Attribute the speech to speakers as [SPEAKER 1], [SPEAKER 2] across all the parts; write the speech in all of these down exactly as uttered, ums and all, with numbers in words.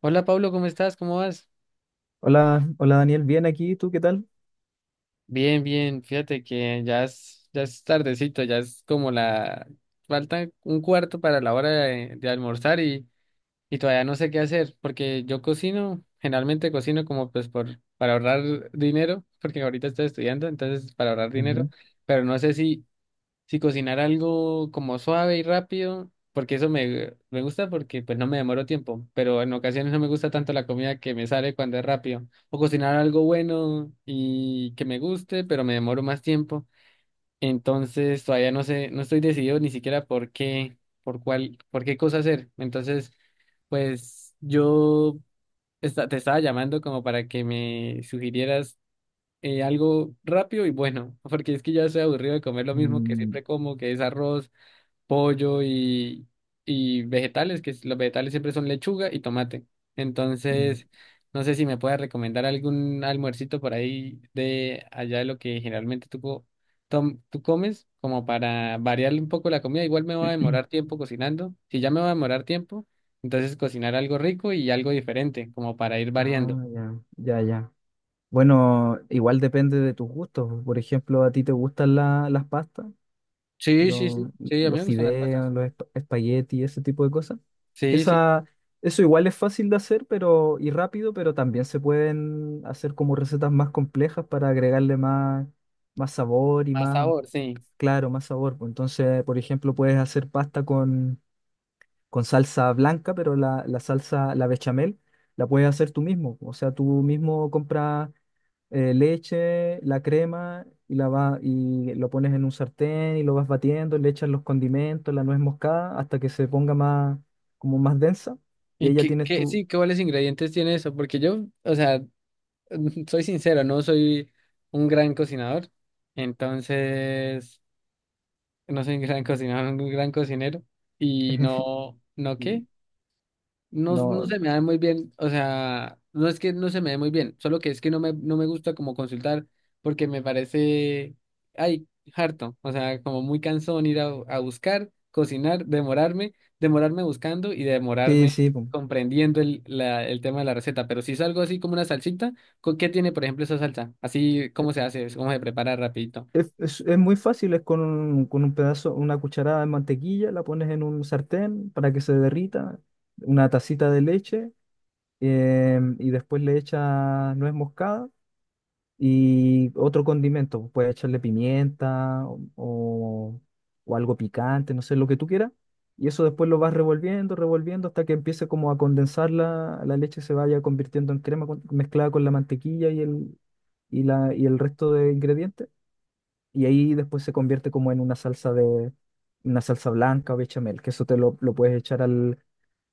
[SPEAKER 1] Hola Pablo, ¿cómo estás? ¿Cómo vas?
[SPEAKER 2] Hola, hola Daniel, bien aquí, ¿tú qué tal?
[SPEAKER 1] Bien, bien, fíjate que ya es, ya es tardecito, ya es como la... Falta un cuarto para la hora de, de almorzar y, y todavía no sé qué hacer, porque yo cocino, generalmente cocino como pues por, para ahorrar dinero, porque ahorita estoy estudiando, entonces para ahorrar dinero,
[SPEAKER 2] Ujú.
[SPEAKER 1] pero no sé si sí, cocinar algo como suave y rápido, porque eso me, me gusta porque pues no me demoro tiempo, pero en ocasiones no me gusta tanto la comida que me sale cuando es rápido. O cocinar algo bueno y que me guste, pero me demoro más tiempo. Entonces todavía no sé, no estoy decidido ni siquiera por qué, por cuál, por qué cosa hacer. Entonces, pues yo esta- te estaba llamando como para que me sugirieras eh, algo rápido y bueno, porque es que ya estoy aburrido de comer lo mismo que
[SPEAKER 2] Mm,
[SPEAKER 1] siempre como, que es arroz, pollo y, y vegetales, que los vegetales siempre son lechuga y tomate.
[SPEAKER 2] mm.
[SPEAKER 1] Entonces, no sé si me puedes recomendar algún almuercito por ahí de allá de lo que generalmente tú, co- tom- tú comes, como para variarle un poco la comida. Igual me va a demorar tiempo cocinando. Si ya me va a demorar tiempo, entonces cocinar algo rico y algo diferente, como para ir
[SPEAKER 2] Ah,
[SPEAKER 1] variando.
[SPEAKER 2] ya, ya, ya. Bueno, igual depende de tus gustos. Por ejemplo, ¿a ti te gustan la- las pastas?
[SPEAKER 1] Sí, sí,
[SPEAKER 2] lo-
[SPEAKER 1] sí, sí, a mí
[SPEAKER 2] los
[SPEAKER 1] me gustan las pastas.
[SPEAKER 2] fideos, los esp- espaguetis, ese tipo de cosas.
[SPEAKER 1] Sí, sí,
[SPEAKER 2] Esa, eso igual es fácil de hacer, pero, y rápido, pero también se pueden hacer como recetas más complejas para agregarle más, más sabor y
[SPEAKER 1] más
[SPEAKER 2] más,
[SPEAKER 1] sabor, sí.
[SPEAKER 2] claro, más sabor, pues. Entonces, por ejemplo, puedes hacer pasta con, con salsa blanca, pero la, la salsa, la bechamel, la puedes hacer tú mismo. O sea, tú mismo compras eh, leche, la crema y, la va, y lo pones en un sartén y lo vas batiendo, le echas los condimentos, la nuez moscada hasta que se ponga más, como más densa, y ahí
[SPEAKER 1] ¿Y
[SPEAKER 2] ya
[SPEAKER 1] qué,
[SPEAKER 2] tienes
[SPEAKER 1] qué,
[SPEAKER 2] tu...
[SPEAKER 1] sí, qué Cuáles ingredientes tiene eso? Porque yo, o sea, mm, soy sincero, no soy un gran cocinador, entonces no soy un gran cocinador, un gran cocinero y no, ¿no
[SPEAKER 2] y
[SPEAKER 1] qué? No, no
[SPEAKER 2] No,
[SPEAKER 1] se me da muy bien, o sea, no es que no se me dé muy bien, solo que es que no me, no me gusta como consultar porque me parece, ay, harto, o sea, como muy cansón ir a, a buscar, cocinar, demorarme, demorarme buscando y
[SPEAKER 2] sí,
[SPEAKER 1] demorarme
[SPEAKER 2] sí, po.
[SPEAKER 1] comprendiendo el, la- el tema de la receta, pero si es algo así como una salsita, ¿con qué tiene, por ejemplo, esa salsa? Así, ¿cómo se hace? ¿Cómo se prepara rapidito?
[SPEAKER 2] Es, es- es muy fácil, es con un, con un pedazo, una cucharada de mantequilla, la pones en un sartén para que se derrita, una tacita de leche, em, y después le echas nuez moscada y otro condimento. Puedes echarle pimienta o, o- o algo picante, no sé, lo que tú quieras. Y eso después lo vas revolviendo, revolviendo hasta que empiece como a condensar la, la leche, se vaya convirtiendo en crema, con- mezclada con la mantequilla y el, y la, y el resto de ingredientes. Y ahí después se convierte como en una salsa de, una salsa blanca o bechamel, que eso te lo, lo puedes echar al...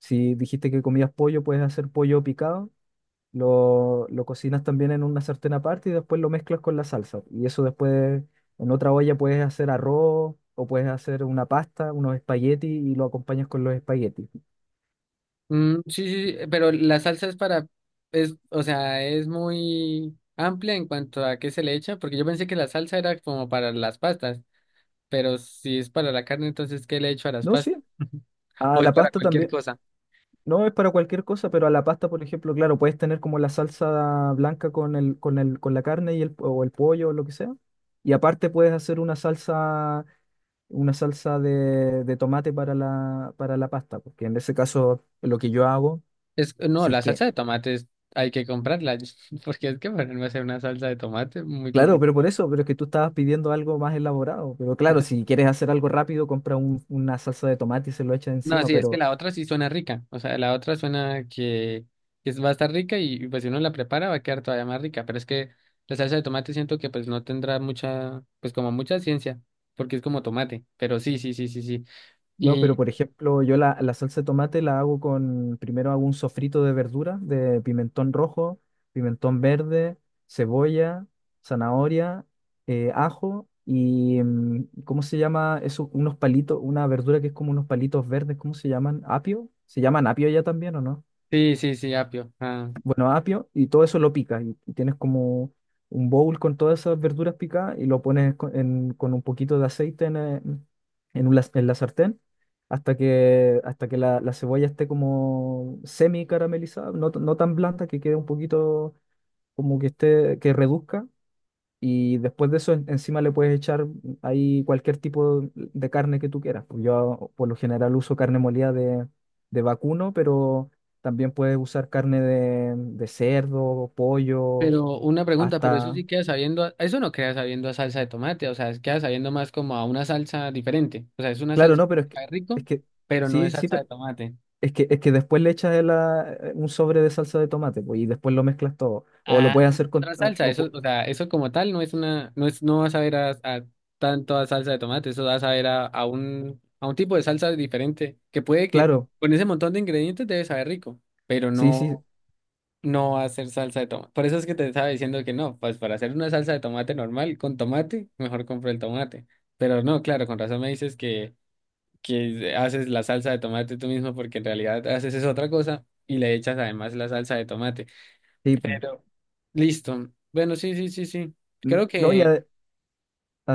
[SPEAKER 2] si dijiste que comías pollo, puedes hacer pollo picado, lo, lo cocinas también en una sartén aparte y después lo mezclas con la salsa. Y eso después en otra olla puedes hacer arroz, o puedes hacer una pasta, unos espaguetis, y lo acompañas con los espaguetis.
[SPEAKER 1] Mm, sí, sí, sí, pero la salsa es para, es, o sea, es muy amplia en cuanto a qué se le echa, porque yo pensé que la salsa era como para las pastas, pero si es para la carne, entonces ¿qué le echo a las
[SPEAKER 2] No, sí.
[SPEAKER 1] pastas?
[SPEAKER 2] A
[SPEAKER 1] O es
[SPEAKER 2] la
[SPEAKER 1] para
[SPEAKER 2] pasta
[SPEAKER 1] cualquier
[SPEAKER 2] también.
[SPEAKER 1] cosa.
[SPEAKER 2] No es para cualquier cosa, pero a la pasta, por ejemplo, claro, puedes tener como la salsa blanca con el, con el, con la carne, y el, o el pollo o lo que sea. Y aparte puedes hacer una salsa, una salsa de, de tomate para la, para la pasta, porque en ese caso lo que yo hago,
[SPEAKER 1] Es, no,
[SPEAKER 2] si es
[SPEAKER 1] la
[SPEAKER 2] que...
[SPEAKER 1] salsa de tomate hay que comprarla, porque es que ponerme a hacer una salsa de tomate muy
[SPEAKER 2] Claro, pero por
[SPEAKER 1] complicado.
[SPEAKER 2] eso, pero es que tú estabas pidiendo algo más elaborado. Pero claro, si quieres hacer algo rápido, compra un- una salsa de tomate y se lo echa
[SPEAKER 1] No,
[SPEAKER 2] encima.
[SPEAKER 1] sí, es que
[SPEAKER 2] Pero
[SPEAKER 1] la otra sí suena rica. O sea, la otra suena que, que es- va a estar rica y, y, pues si uno la prepara va a quedar todavía más rica. Pero es que la salsa de tomate siento que pues no tendrá mucha, pues como mucha ciencia, porque es como tomate. Pero sí, sí, sí, sí, sí.
[SPEAKER 2] no, pero
[SPEAKER 1] Y
[SPEAKER 2] por ejemplo, yo la, la salsa de tomate la hago con, primero hago un sofrito de verdura, de pimentón rojo, pimentón verde, cebolla, zanahoria, eh, ajo y, mm, ¿cómo se llama eso? Unos palitos, una verdura que es como unos palitos verdes, ¿cómo se llaman? ¿Apio? ¿Se llaman apio ya también o no?
[SPEAKER 1] sí, sí, sí, apio. Ah.
[SPEAKER 2] Bueno, apio. Y todo eso lo picas y, y tienes como un bowl con todas esas verduras picadas, y lo pones con, en- con un poquito de aceite en, eh, en un las- en la sartén hasta que, hasta que la, la cebolla esté como semi caramelizada, no, t- no tan blanda, que quede un poquito, como que esté, que reduzca. Y después de eso, en- encima le puedes echar ahí cualquier tipo de carne que tú quieras. Pues yo por lo general uso carne molida de, de vacuno, pero también puedes usar carne de, de cerdo, pollo...
[SPEAKER 1] Pero una pregunta, pero eso
[SPEAKER 2] hasta...
[SPEAKER 1] sí queda sabiendo, a- eso no queda sabiendo a salsa de tomate, o sea, es- queda sabiendo más como a una salsa diferente. O sea, es una
[SPEAKER 2] Claro,
[SPEAKER 1] salsa
[SPEAKER 2] no,
[SPEAKER 1] que
[SPEAKER 2] pero es que,
[SPEAKER 1] sabe rico,
[SPEAKER 2] es que
[SPEAKER 1] pero no es
[SPEAKER 2] sí, sí,
[SPEAKER 1] salsa de
[SPEAKER 2] pero
[SPEAKER 1] tomate.
[SPEAKER 2] es que, es que después le echas el, ah, eh, un sobre de salsa de tomate, pues, y después lo mezclas todo. O lo
[SPEAKER 1] Ah,
[SPEAKER 2] puedes
[SPEAKER 1] es
[SPEAKER 2] hacer con...
[SPEAKER 1] otra
[SPEAKER 2] o-
[SPEAKER 1] salsa,
[SPEAKER 2] o
[SPEAKER 1] eso,
[SPEAKER 2] pu-
[SPEAKER 1] o sea, eso como tal no es una, no es, no vas a ver a, a tanto a salsa de tomate, eso vas a ver a, a un, a un tipo de salsa diferente, que puede que
[SPEAKER 2] Claro,
[SPEAKER 1] con ese montón de ingredientes debe saber rico, pero
[SPEAKER 2] sí, sí,
[SPEAKER 1] no, no va a ser salsa de tomate. Por eso es que te estaba diciendo que no, pues para hacer una salsa de tomate normal con tomate, mejor compro el tomate. Pero no, claro, con razón me dices que, que haces la salsa de tomate tú mismo, porque en realidad haces es otra cosa y le echas además la salsa de tomate.
[SPEAKER 2] sí.
[SPEAKER 1] Pero, listo. Bueno, sí, sí, sí, sí.
[SPEAKER 2] Mm,
[SPEAKER 1] Creo
[SPEAKER 2] no, y,
[SPEAKER 1] que,
[SPEAKER 2] a-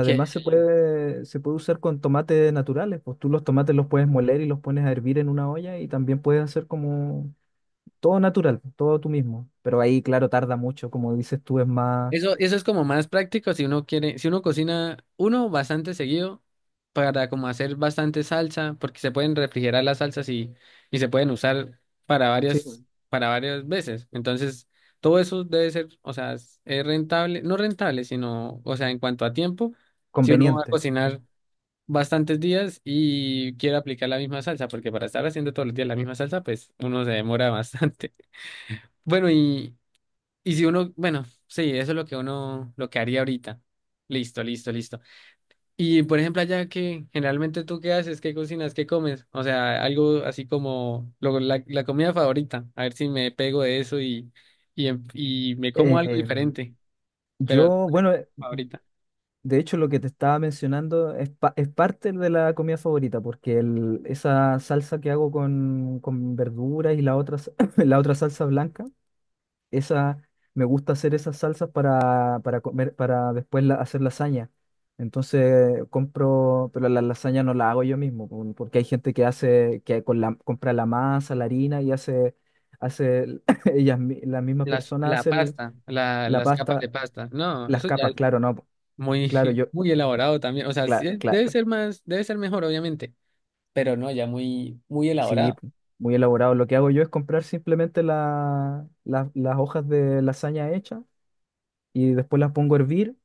[SPEAKER 1] que
[SPEAKER 2] se puede, se puede usar con tomates naturales. Pues tú los tomates los puedes moler y los pones a hervir en una olla, y también puedes hacer como todo natural, pues, todo tú mismo. Pero ahí, claro, tarda mucho, como dices tú, es más...
[SPEAKER 1] eso, eso es como más práctico si uno quiere, si uno cocina uno bastante seguido para como hacer bastante salsa, porque se pueden refrigerar las salsas y, y se pueden usar para
[SPEAKER 2] sí, pues,
[SPEAKER 1] varias, para varias veces. Entonces, todo eso debe ser, o sea, es es rentable, no rentable, sino, o sea, en cuanto a tiempo, si uno va a
[SPEAKER 2] conveniente. Sí.
[SPEAKER 1] cocinar bastantes días y quiero aplicar la misma salsa, porque para estar haciendo todos los días la misma salsa, pues uno se demora bastante. Bueno, y, y si uno, bueno, sí, eso es lo que uno, lo que haría ahorita. Listo, listo, listo. Y por ejemplo, allá que generalmente tú qué haces, qué cocinas, qué comes, o sea, algo así como lo- la, la comida favorita, a ver si me pego de eso y, y, em- y me como algo
[SPEAKER 2] Em,
[SPEAKER 1] diferente, pero
[SPEAKER 2] yo, bueno, eh,
[SPEAKER 1] favorita.
[SPEAKER 2] de hecho, lo que te estaba mencionando es, pa- es parte de la comida favorita, porque el- esa salsa que hago con, con verduras, y la otra, s- la otra salsa blanca. Esa, me gusta hacer esas salsas para, para comer, para después la- hacer lasaña. Entonces compro, pero la lasaña no la hago yo mismo, por- porque hay gente que hace, que con la, compra la masa, la harina y hace, hace el- ellas, mi- la misma
[SPEAKER 1] Las,
[SPEAKER 2] persona
[SPEAKER 1] la
[SPEAKER 2] hace el-
[SPEAKER 1] pasta, la,
[SPEAKER 2] la
[SPEAKER 1] las capas
[SPEAKER 2] pasta,
[SPEAKER 1] de pasta. No,
[SPEAKER 2] las
[SPEAKER 1] eso ya
[SPEAKER 2] capas, claro, no, po.
[SPEAKER 1] muy,
[SPEAKER 2] Claro, yo,
[SPEAKER 1] muy elaborado también. O sea, sí,
[SPEAKER 2] claro,
[SPEAKER 1] eh,
[SPEAKER 2] claro,
[SPEAKER 1] debe ser más, debe ser mejor, obviamente, pero no, ya muy, muy
[SPEAKER 2] sí,
[SPEAKER 1] elaborado.
[SPEAKER 2] po, muy elaborado. Lo que hago yo es comprar simplemente la, la- las hojas de lasaña hechas, y después las pongo a hervir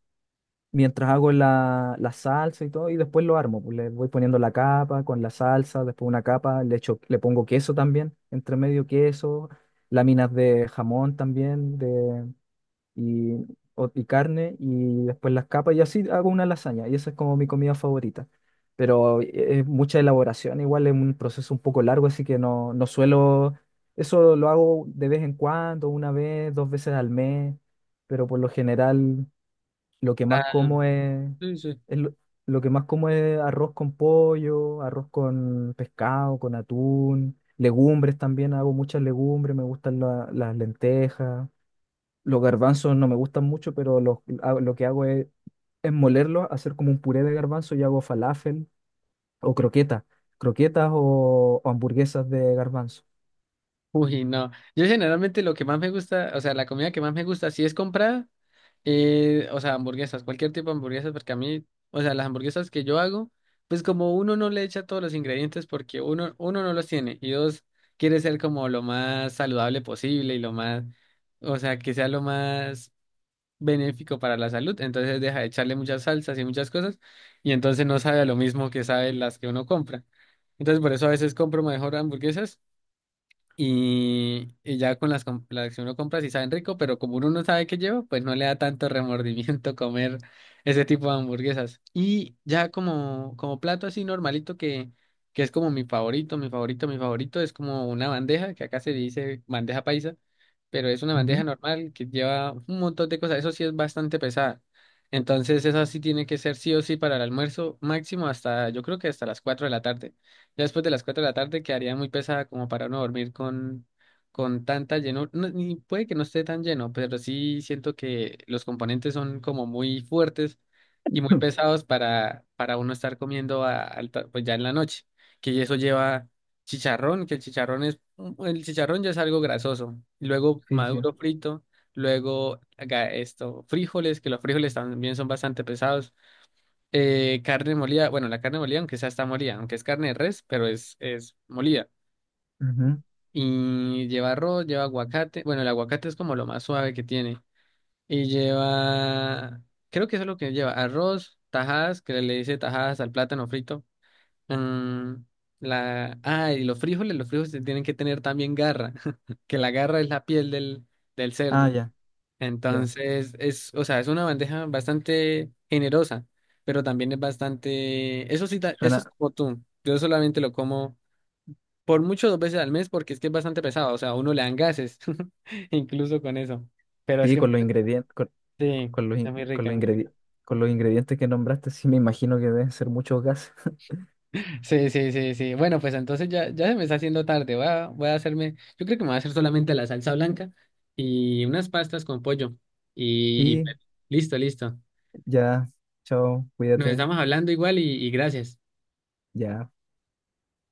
[SPEAKER 2] mientras hago la, la salsa y todo, y después lo armo, pues. Le voy poniendo la capa con la salsa, después una capa, le echo, le pongo queso también, entre medio queso, láminas de jamón también, de, y, o- y carne. Y después las capas, y así hago una lasaña, y esa es como mi comida favorita. Pero eh, es mucha elaboración, igual es un proceso un poco largo, así que no, no suelo, eso lo hago de vez en cuando, una vez, dos veces al mes. Pero por lo general lo que más
[SPEAKER 1] Ah,
[SPEAKER 2] como es,
[SPEAKER 1] sí, sí.
[SPEAKER 2] es lo, lo que más como es arroz con pollo, arroz con pescado, con atún, legumbres también, hago muchas legumbres, me gustan la- las lentejas. Los garbanzos no me gustan mucho, pero los, hago- lo que hago es, es molerlos, hacer como un puré de garbanzo y hago falafel o croquetas, croquetas o, o hamburguesas de garbanzo.
[SPEAKER 1] Uy, no. Yo generalmente lo que más me gusta, o sea, la comida que más me gusta, si es comprada, eh, o sea, hamburguesas, cualquier tipo de hamburguesas, porque a mí, o sea, las hamburguesas que yo hago, pues como uno no le echa todos los ingredientes porque uno, uno no los tiene y dos, quiere ser como lo más saludable posible y lo más, o sea, que sea lo más benéfico para la salud, entonces deja de echarle muchas salsas y muchas cosas, y entonces no sabe a lo mismo que sabe las que uno compra. Entonces por eso a veces compro mejor hamburguesas y, y ya con las, com- las que uno compra, sí saben rico, pero como uno no sabe qué lleva, pues no le da tanto remordimiento comer ese tipo de hamburguesas. Y ya como, como plato así normalito que, que es como mi favorito, mi favorito, mi favorito, es como una bandeja, que acá se dice bandeja paisa, pero es una bandeja
[SPEAKER 2] Ujú.
[SPEAKER 1] normal que lleva un montón de cosas, eso sí es bastante pesada. Entonces eso sí tiene que ser sí o sí para el almuerzo máximo hasta, yo creo que hasta las cuatro de la tarde. Ya después de las cuatro de la tarde quedaría muy pesada como para uno dormir con, con tanta llenura. No, ni puede que no esté tan lleno, pero sí siento que los componentes son como muy fuertes y muy pesados para, para uno estar comiendo a alta- pues ya en la noche. Que eso lleva chicharrón, que el chicharrón es, el chicharrón ya es algo grasoso. Luego
[SPEAKER 2] Sí, sí.
[SPEAKER 1] maduro frito, luego haga esto, frijoles, que los frijoles también son bastante pesados. Eh, carne molida, bueno, la carne molida, aunque esa está molida, aunque es carne de res, pero es, es molida.
[SPEAKER 2] Ujú.
[SPEAKER 1] Y lleva arroz, lleva aguacate. Bueno, el aguacate es como lo más suave que tiene. Y lleva, creo que eso es lo que lleva, arroz, tajadas, que le dice tajadas al plátano frito. Mm, la, ah, y los frijoles, los frijoles tienen que tener también garra, que la garra es la piel del, del
[SPEAKER 2] Ah,
[SPEAKER 1] cerdo.
[SPEAKER 2] ya, ya.
[SPEAKER 1] Entonces, es, o sea, es una bandeja bastante generosa, pero también es bastante, eso sí, ta- eso es
[SPEAKER 2] Suena...
[SPEAKER 1] como tú. Yo solamente lo como por mucho dos veces al mes porque es que es bastante pesado, o sea, a uno le dan gases, incluso con eso. Pero es
[SPEAKER 2] Sí,
[SPEAKER 1] que es
[SPEAKER 2] con
[SPEAKER 1] muy
[SPEAKER 2] los
[SPEAKER 1] rica.
[SPEAKER 2] ingredientes, con,
[SPEAKER 1] Sí,
[SPEAKER 2] con los,
[SPEAKER 1] es
[SPEAKER 2] in-
[SPEAKER 1] muy
[SPEAKER 2] con
[SPEAKER 1] rica,
[SPEAKER 2] los
[SPEAKER 1] es muy rica.
[SPEAKER 2] ingredientes, con los ingredientes que nombraste, sí me imagino que deben ser muchos gases.
[SPEAKER 1] Sí, sí, sí, sí. Bueno, pues entonces ya, ya se me está haciendo tarde. Voy a, voy a hacerme, yo creo que me voy a hacer solamente la salsa blanca y unas pastas con pollo. Y, y
[SPEAKER 2] Sí,
[SPEAKER 1] pues, listo, listo.
[SPEAKER 2] ya, chao,
[SPEAKER 1] Nos
[SPEAKER 2] cuídate,
[SPEAKER 1] estamos hablando igual y y gracias.
[SPEAKER 2] ya.